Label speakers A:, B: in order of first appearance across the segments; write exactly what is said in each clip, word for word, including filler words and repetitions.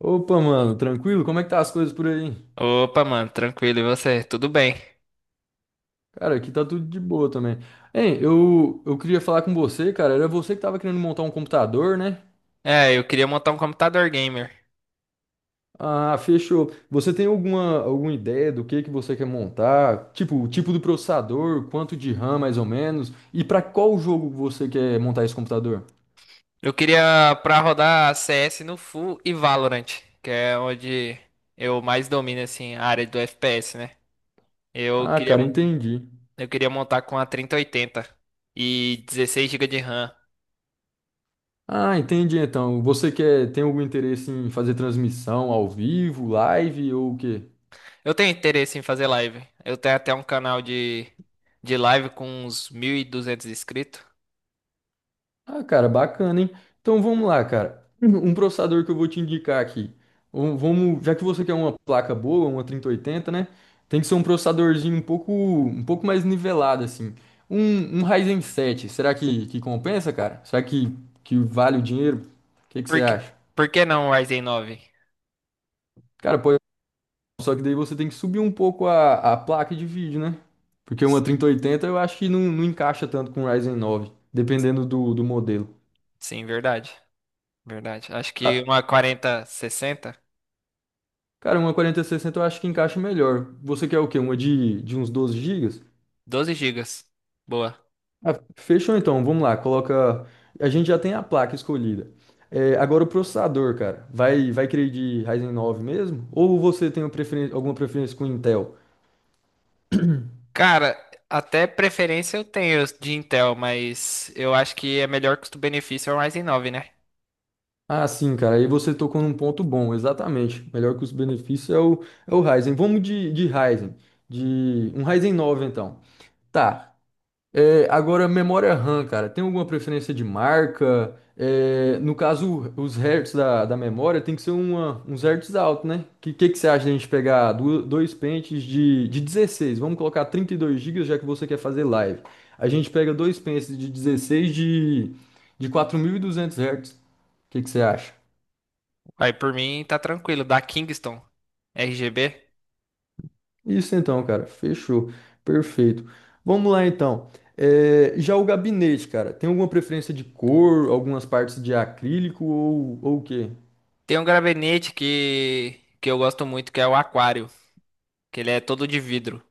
A: Opa, mano, tranquilo? Como é que tá as coisas por aí?
B: Opa, mano, tranquilo, e você? Tudo bem?
A: Cara, aqui tá tudo de boa também. Hein, eu, eu queria falar com você, cara. Era você que tava querendo montar um computador, né?
B: É, eu queria montar um computador gamer.
A: Ah, fechou. Você tem alguma, alguma ideia do que que você quer montar? Tipo, o tipo do processador, quanto de RAM mais ou menos? E pra qual jogo você quer montar esse computador?
B: Eu queria pra rodar C S no Full e Valorant, que é onde eu mais domino assim a área do F P S, né? Eu
A: Ah,
B: queria
A: cara, entendi.
B: eu queria montar com a trinta e oitenta e dezesseis gigas de RAM.
A: Ah, entendi então. Você quer, tem algum interesse em fazer transmissão ao vivo, live ou o quê?
B: Eu tenho interesse em fazer live. Eu tenho até um canal de de live com uns mil e duzentos inscritos.
A: Ah, cara, bacana, hein? Então vamos lá, cara. Um um processador que eu vou te indicar aqui. Um- Vamos, já que você quer uma placa boa, uma trinta e oitenta, né? Tem que ser um processadorzinho um pouco, um pouco mais nivelado, assim. Um, um Ryzen sete, será que, que compensa, cara? Será que, que vale o dinheiro? O que que você
B: Por que,
A: acha?
B: por que não o Ryzen nove?
A: Cara, pode, só que daí você tem que subir um pouco a, a placa de vídeo, né? Porque uma
B: Sim,
A: trinta e oitenta eu acho que não, não encaixa tanto com o Ryzen nove, dependendo do, do modelo.
B: sim, verdade. Verdade. Acho que
A: Ah,
B: uma quarenta sessenta
A: cara, uma quarenta e sessenta eu acho que encaixa melhor. Você quer o quê? Uma de, de uns doze gigas?
B: doze gigas. Boa.
A: Ah, fechou então, vamos lá, coloca. A gente já tem a placa escolhida. É, agora o processador, cara. Vai, vai querer de Ryzen nove mesmo? Ou você tem uma preferen- alguma preferência com Intel?
B: Cara, até preferência eu tenho de Intel, mas eu acho que é melhor custo-benefício é o Ryzen nove, né?
A: Ah, sim, cara. Aí você tocou num ponto bom, exatamente. Melhor que os benefícios é o, é o Ryzen. Vamos de, de Ryzen. De um Ryzen nove, então. Tá. É, agora, memória RAM, cara, tem alguma preferência de marca? É, no caso, os hertz da, da memória tem que ser uma, uns hertz alto, né? Que, que que você acha de a gente pegar du- dois pentes de, de dezesseis. Vamos colocar trinta e dois gigas já que você quer fazer live. A gente pega dois pentes de dezesseis de, de quatro mil e duzentos hertz. O que que você acha?
B: Aí por mim tá tranquilo, da Kingston R G B.
A: Isso então, cara. Fechou. Perfeito. Vamos lá então. É, já o gabinete, cara, tem alguma preferência de cor, algumas partes de acrílico ou, ou o quê?
B: Tem um gabinete que, que eu gosto muito, que é o Aquário, que ele é todo de vidro.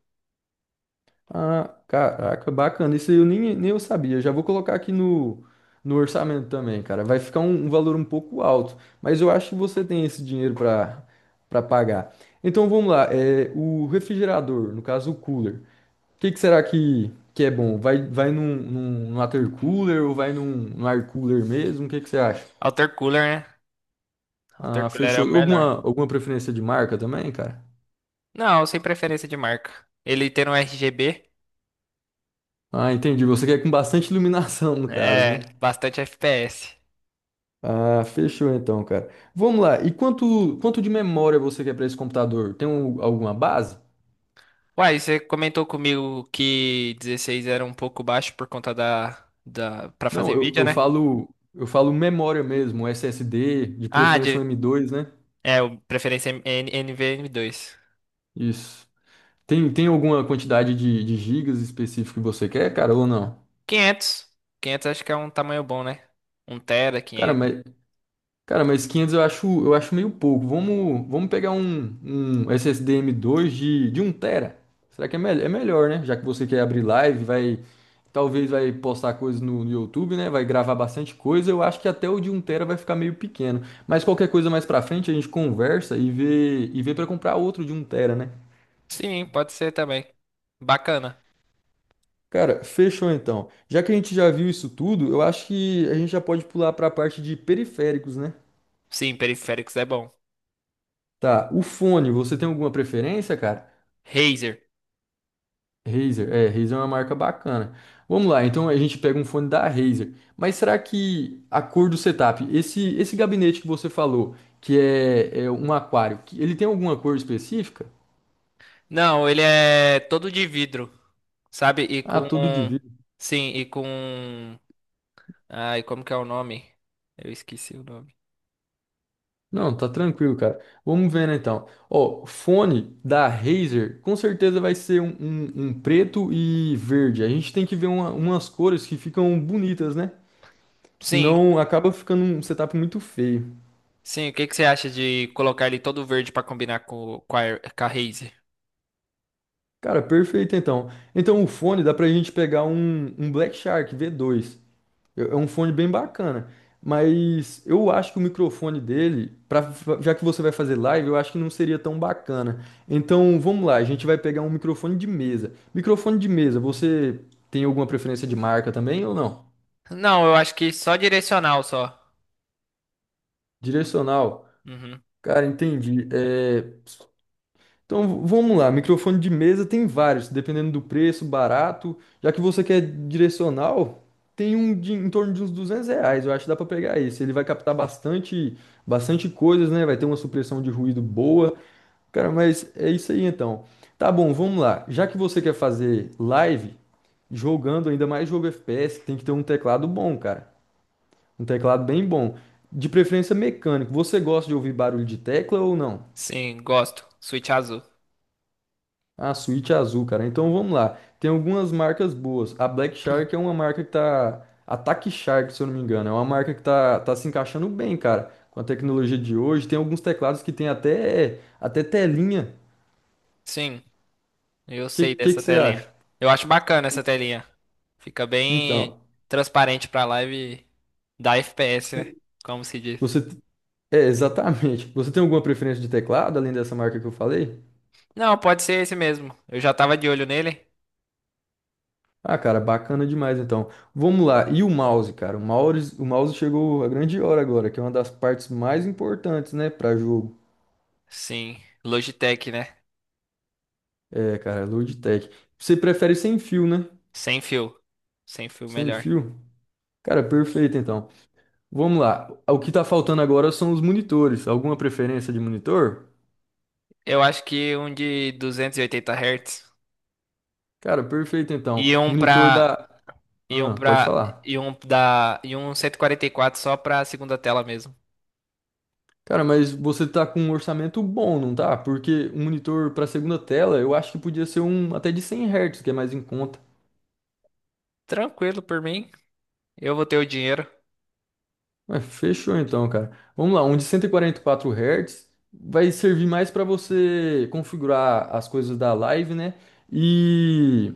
A: Ah, caraca, bacana. Isso aí eu nem, nem eu sabia. Já vou colocar aqui no, no orçamento também, cara. Vai ficar um, um valor um pouco alto, mas eu acho que você tem esse dinheiro para para pagar. Então vamos lá. É, o refrigerador, no caso o cooler. O que, que será que, que é bom? Vai, vai num, num, num water cooler ou vai num, num air cooler mesmo? O que, que você acha?
B: Cooler, né?
A: Ah,
B: Altercooler é o
A: fechou.
B: melhor.
A: Alguma, alguma preferência de marca também, cara?
B: Não, sem preferência de marca. Ele tendo um R G B,
A: Ah, entendi. Você quer com bastante iluminação, no caso,
B: é
A: né?
B: bastante F P S.
A: Ah, fechou então, cara. Vamos lá. E quanto, quanto de memória você quer para esse computador? Tem um- alguma base?
B: Uai, você comentou comigo que dezesseis era um pouco baixo por conta da, da para
A: Não,
B: fazer
A: eu,
B: vídeo,
A: eu
B: né?
A: falo, eu falo memória mesmo, S S D, de
B: Ah,
A: preferência
B: de
A: um M dois, né?
B: é, o preferência é M- N- nvme dois.
A: Isso. Tem, tem alguma quantidade de, de gigas específico que você quer, cara, ou não?
B: quinhentos Quinhentos, acho que é um tamanho bom, né? Um tera,
A: Cara,
B: quinhentos.
A: mas, cara, mas quinhentos eu acho, eu acho meio pouco. Vamos, vamos pegar um, um S S D M dois de, de um tera. Será que é, mel- é melhor, né? Já que você quer abrir live, vai, talvez vai postar coisas no, no YouTube, né? Vai gravar bastante coisa. Eu acho que até o de um tera vai ficar meio pequeno. Mas qualquer coisa mais pra frente a gente conversa e vê, e vê para comprar outro de um tera, né?
B: Sim, pode ser também. Bacana.
A: Cara, fechou então. Já que a gente já viu isso tudo, eu acho que a gente já pode pular pra parte de periféricos, né?
B: Sim, periféricos é bom.
A: Tá, o fone, você tem alguma preferência, cara?
B: Razer.
A: Razer. É, Razer é uma marca bacana. Vamos lá, então a gente pega um fone da Razer. Mas será que a cor do setup, esse esse gabinete que você falou, que é, é um aquário, que ele tem alguma cor específica?
B: Não, ele é todo de vidro, sabe? E
A: Ah,
B: com
A: todo de vidro.
B: sim, e com ai, como que é o nome? Eu esqueci o nome.
A: Não, tá tranquilo, cara. Vamos vendo então. Ó, fone da Razer, com certeza vai ser um, um- um preto e verde. A gente tem que ver uma- umas cores que ficam bonitas, né?
B: Sim,
A: Senão acaba ficando um setup muito feio.
B: sim, o que que você acha de colocar ele todo verde pra combinar com, com a, com a Raze?
A: Cara, perfeito então. Então o fone dá pra gente pegar um, um Black Shark v dois. É é um fone bem bacana. Mas eu acho que o microfone dele, pra, já que você vai fazer live, eu acho que não seria tão bacana. Então vamos lá, a gente vai pegar um microfone de mesa. Microfone de mesa, você tem alguma preferência de marca também ou não?
B: Não, eu acho que só direcional só.
A: Direcional.
B: Uhum.
A: Cara, entendi. É, então vamos lá, microfone de mesa tem vários, dependendo do preço, barato. Já que você quer direcional, tem um de, em torno de uns duzentos reais, eu acho que dá para pegar esse. Ele vai captar bastante, bastante coisas, né? Vai ter uma supressão de ruído boa. Cara, mas é isso aí então. Tá bom, vamos lá. Já que você quer fazer live, jogando ainda mais jogo F P S, tem que ter um teclado bom, cara. Um teclado bem bom. De preferência mecânico. Você gosta de ouvir barulho de tecla ou não?
B: Sim, gosto. Switch azul.
A: A suíte azul, cara. Então vamos lá. Tem algumas marcas boas. A Black Shark é uma marca que tá. Attack Shark, se eu não me engano. É uma marca que tá, tá se encaixando bem, cara. Com a tecnologia de hoje. Tem alguns teclados que tem até, até telinha.
B: Sim, eu
A: O que,
B: sei
A: que, que
B: dessa
A: você
B: telinha.
A: acha?
B: Eu acho bacana essa telinha. Fica bem
A: Então,
B: transparente pra live da F P S, né?
A: você.
B: Como se diz.
A: você- é, exatamente. Você tem alguma preferência de teclado, além dessa marca que eu falei?
B: Não, pode ser esse mesmo. Eu já tava de olho nele.
A: Ah, cara, bacana demais então. Vamos lá. E o mouse, cara? O mouse, o mouse, chegou a grande hora agora, que é uma das partes mais importantes, né, para jogo.
B: Sim, Logitech, né?
A: É, cara, Logitech. Você prefere sem fio, né?
B: Sem fio. Sem fio
A: Sem
B: melhor.
A: fio? Cara, perfeito então. Vamos lá. O que tá faltando agora são os monitores. Alguma preferência de monitor?
B: Eu acho que um de duzentos e oitenta hertz.
A: Cara, perfeito então.
B: Iam pra.
A: Monitor da.
B: Iam
A: Ah, pode
B: pra.
A: falar.
B: Iam da. Iam cento e quarenta e quatro só pra segunda tela mesmo.
A: Cara, mas você tá com um orçamento bom, não tá? Porque um monitor pra segunda tela, eu acho que podia ser um até de cem hertz, que é mais em conta.
B: Tranquilo por mim. Eu vou ter o dinheiro.
A: Ué, fechou então, cara. Vamos lá, um de cento e e quarenta e quatro Hz vai servir mais para você configurar as coisas da live, né? E,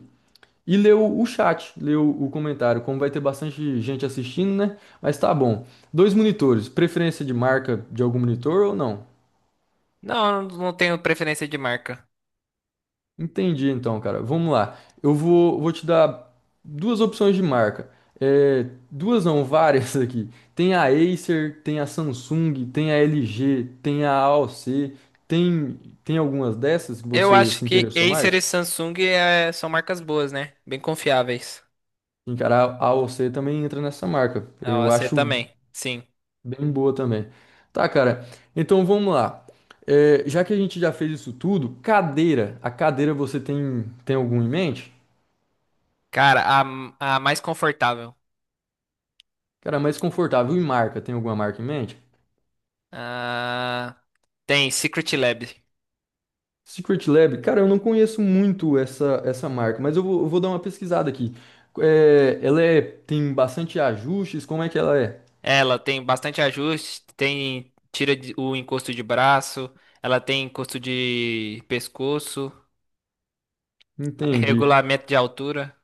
A: e ler o, o chat, ler o, o comentário, como vai ter bastante gente assistindo, né? Mas tá bom. Dois monitores, preferência de marca de algum monitor ou não?
B: Não, eu não tenho preferência de marca.
A: Entendi, então, cara. Vamos lá. Eu vou, vou te dar duas opções de marca. É, duas não, várias aqui. Tem a Acer, tem a Samsung, tem a L G, tem a AOC. Tem, tem algumas dessas que
B: Eu
A: você
B: acho
A: se
B: que
A: interessou
B: Acer
A: mais?
B: e Samsung é- são marcas boas, né? Bem confiáveis.
A: Sim, cara, a AOC também entra nessa marca.
B: A
A: Eu
B: O A C
A: acho
B: também, sim.
A: bem boa também. Tá, cara. Então vamos lá. É, já que a gente já fez isso tudo, cadeira. A cadeira você tem, tem algum em mente?
B: Cara, a, a mais confortável.
A: Cara, é mais confortável. E marca? Tem alguma marca em mente?
B: Ah, tem Secret Lab.
A: Secret Lab, cara, eu não conheço muito essa, essa marca, mas eu vou, eu vou dar uma pesquisada aqui. É, ela é, tem bastante ajustes, como é que ela é?
B: Ela tem bastante ajuste, tem tira de- o encosto de braço, ela tem encosto de pescoço.
A: Entendi.
B: Regulamento de altura.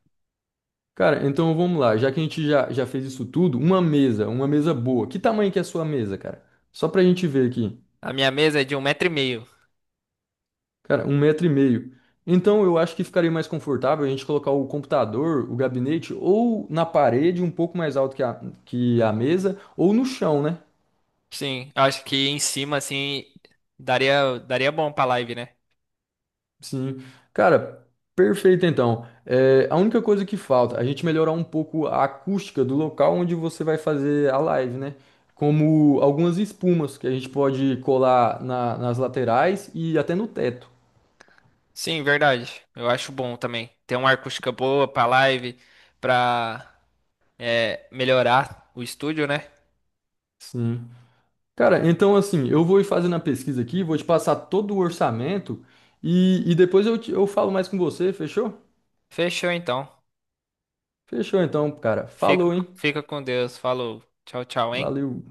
A: Cara, então vamos lá. Já que a gente já, já fez isso tudo, uma mesa, uma mesa boa. Que tamanho que é a sua mesa, cara? Só pra gente ver aqui.
B: A minha mesa é de um metro e meio.
A: Cara, um metro e meio. Então eu acho que ficaria mais confortável a gente colocar o computador, o gabinete, ou na parede, um pouco mais alto que a, que a mesa, ou no chão, né?
B: Sim, eu acho que em cima, assim, daria, daria bom pra live, né?
A: Sim, cara, perfeito então. É, a única coisa que falta, a gente melhorar um pouco a acústica do local onde você vai fazer a live, né? Como algumas espumas que a gente pode colar na- nas laterais e até no teto.
B: Sim, verdade. Eu acho bom também ter uma acústica boa pra live, pra é, melhorar o estúdio, né?
A: Sim. Cara, então assim, eu vou ir fazendo a pesquisa aqui, vou te passar todo o orçamento e, e depois eu, te- eu falo mais com você, fechou?
B: Fechou então.
A: Fechou então, cara.
B: Fica,
A: Falou, hein?
B: fica com Deus. Falou. Tchau, tchau, hein?
A: Valeu.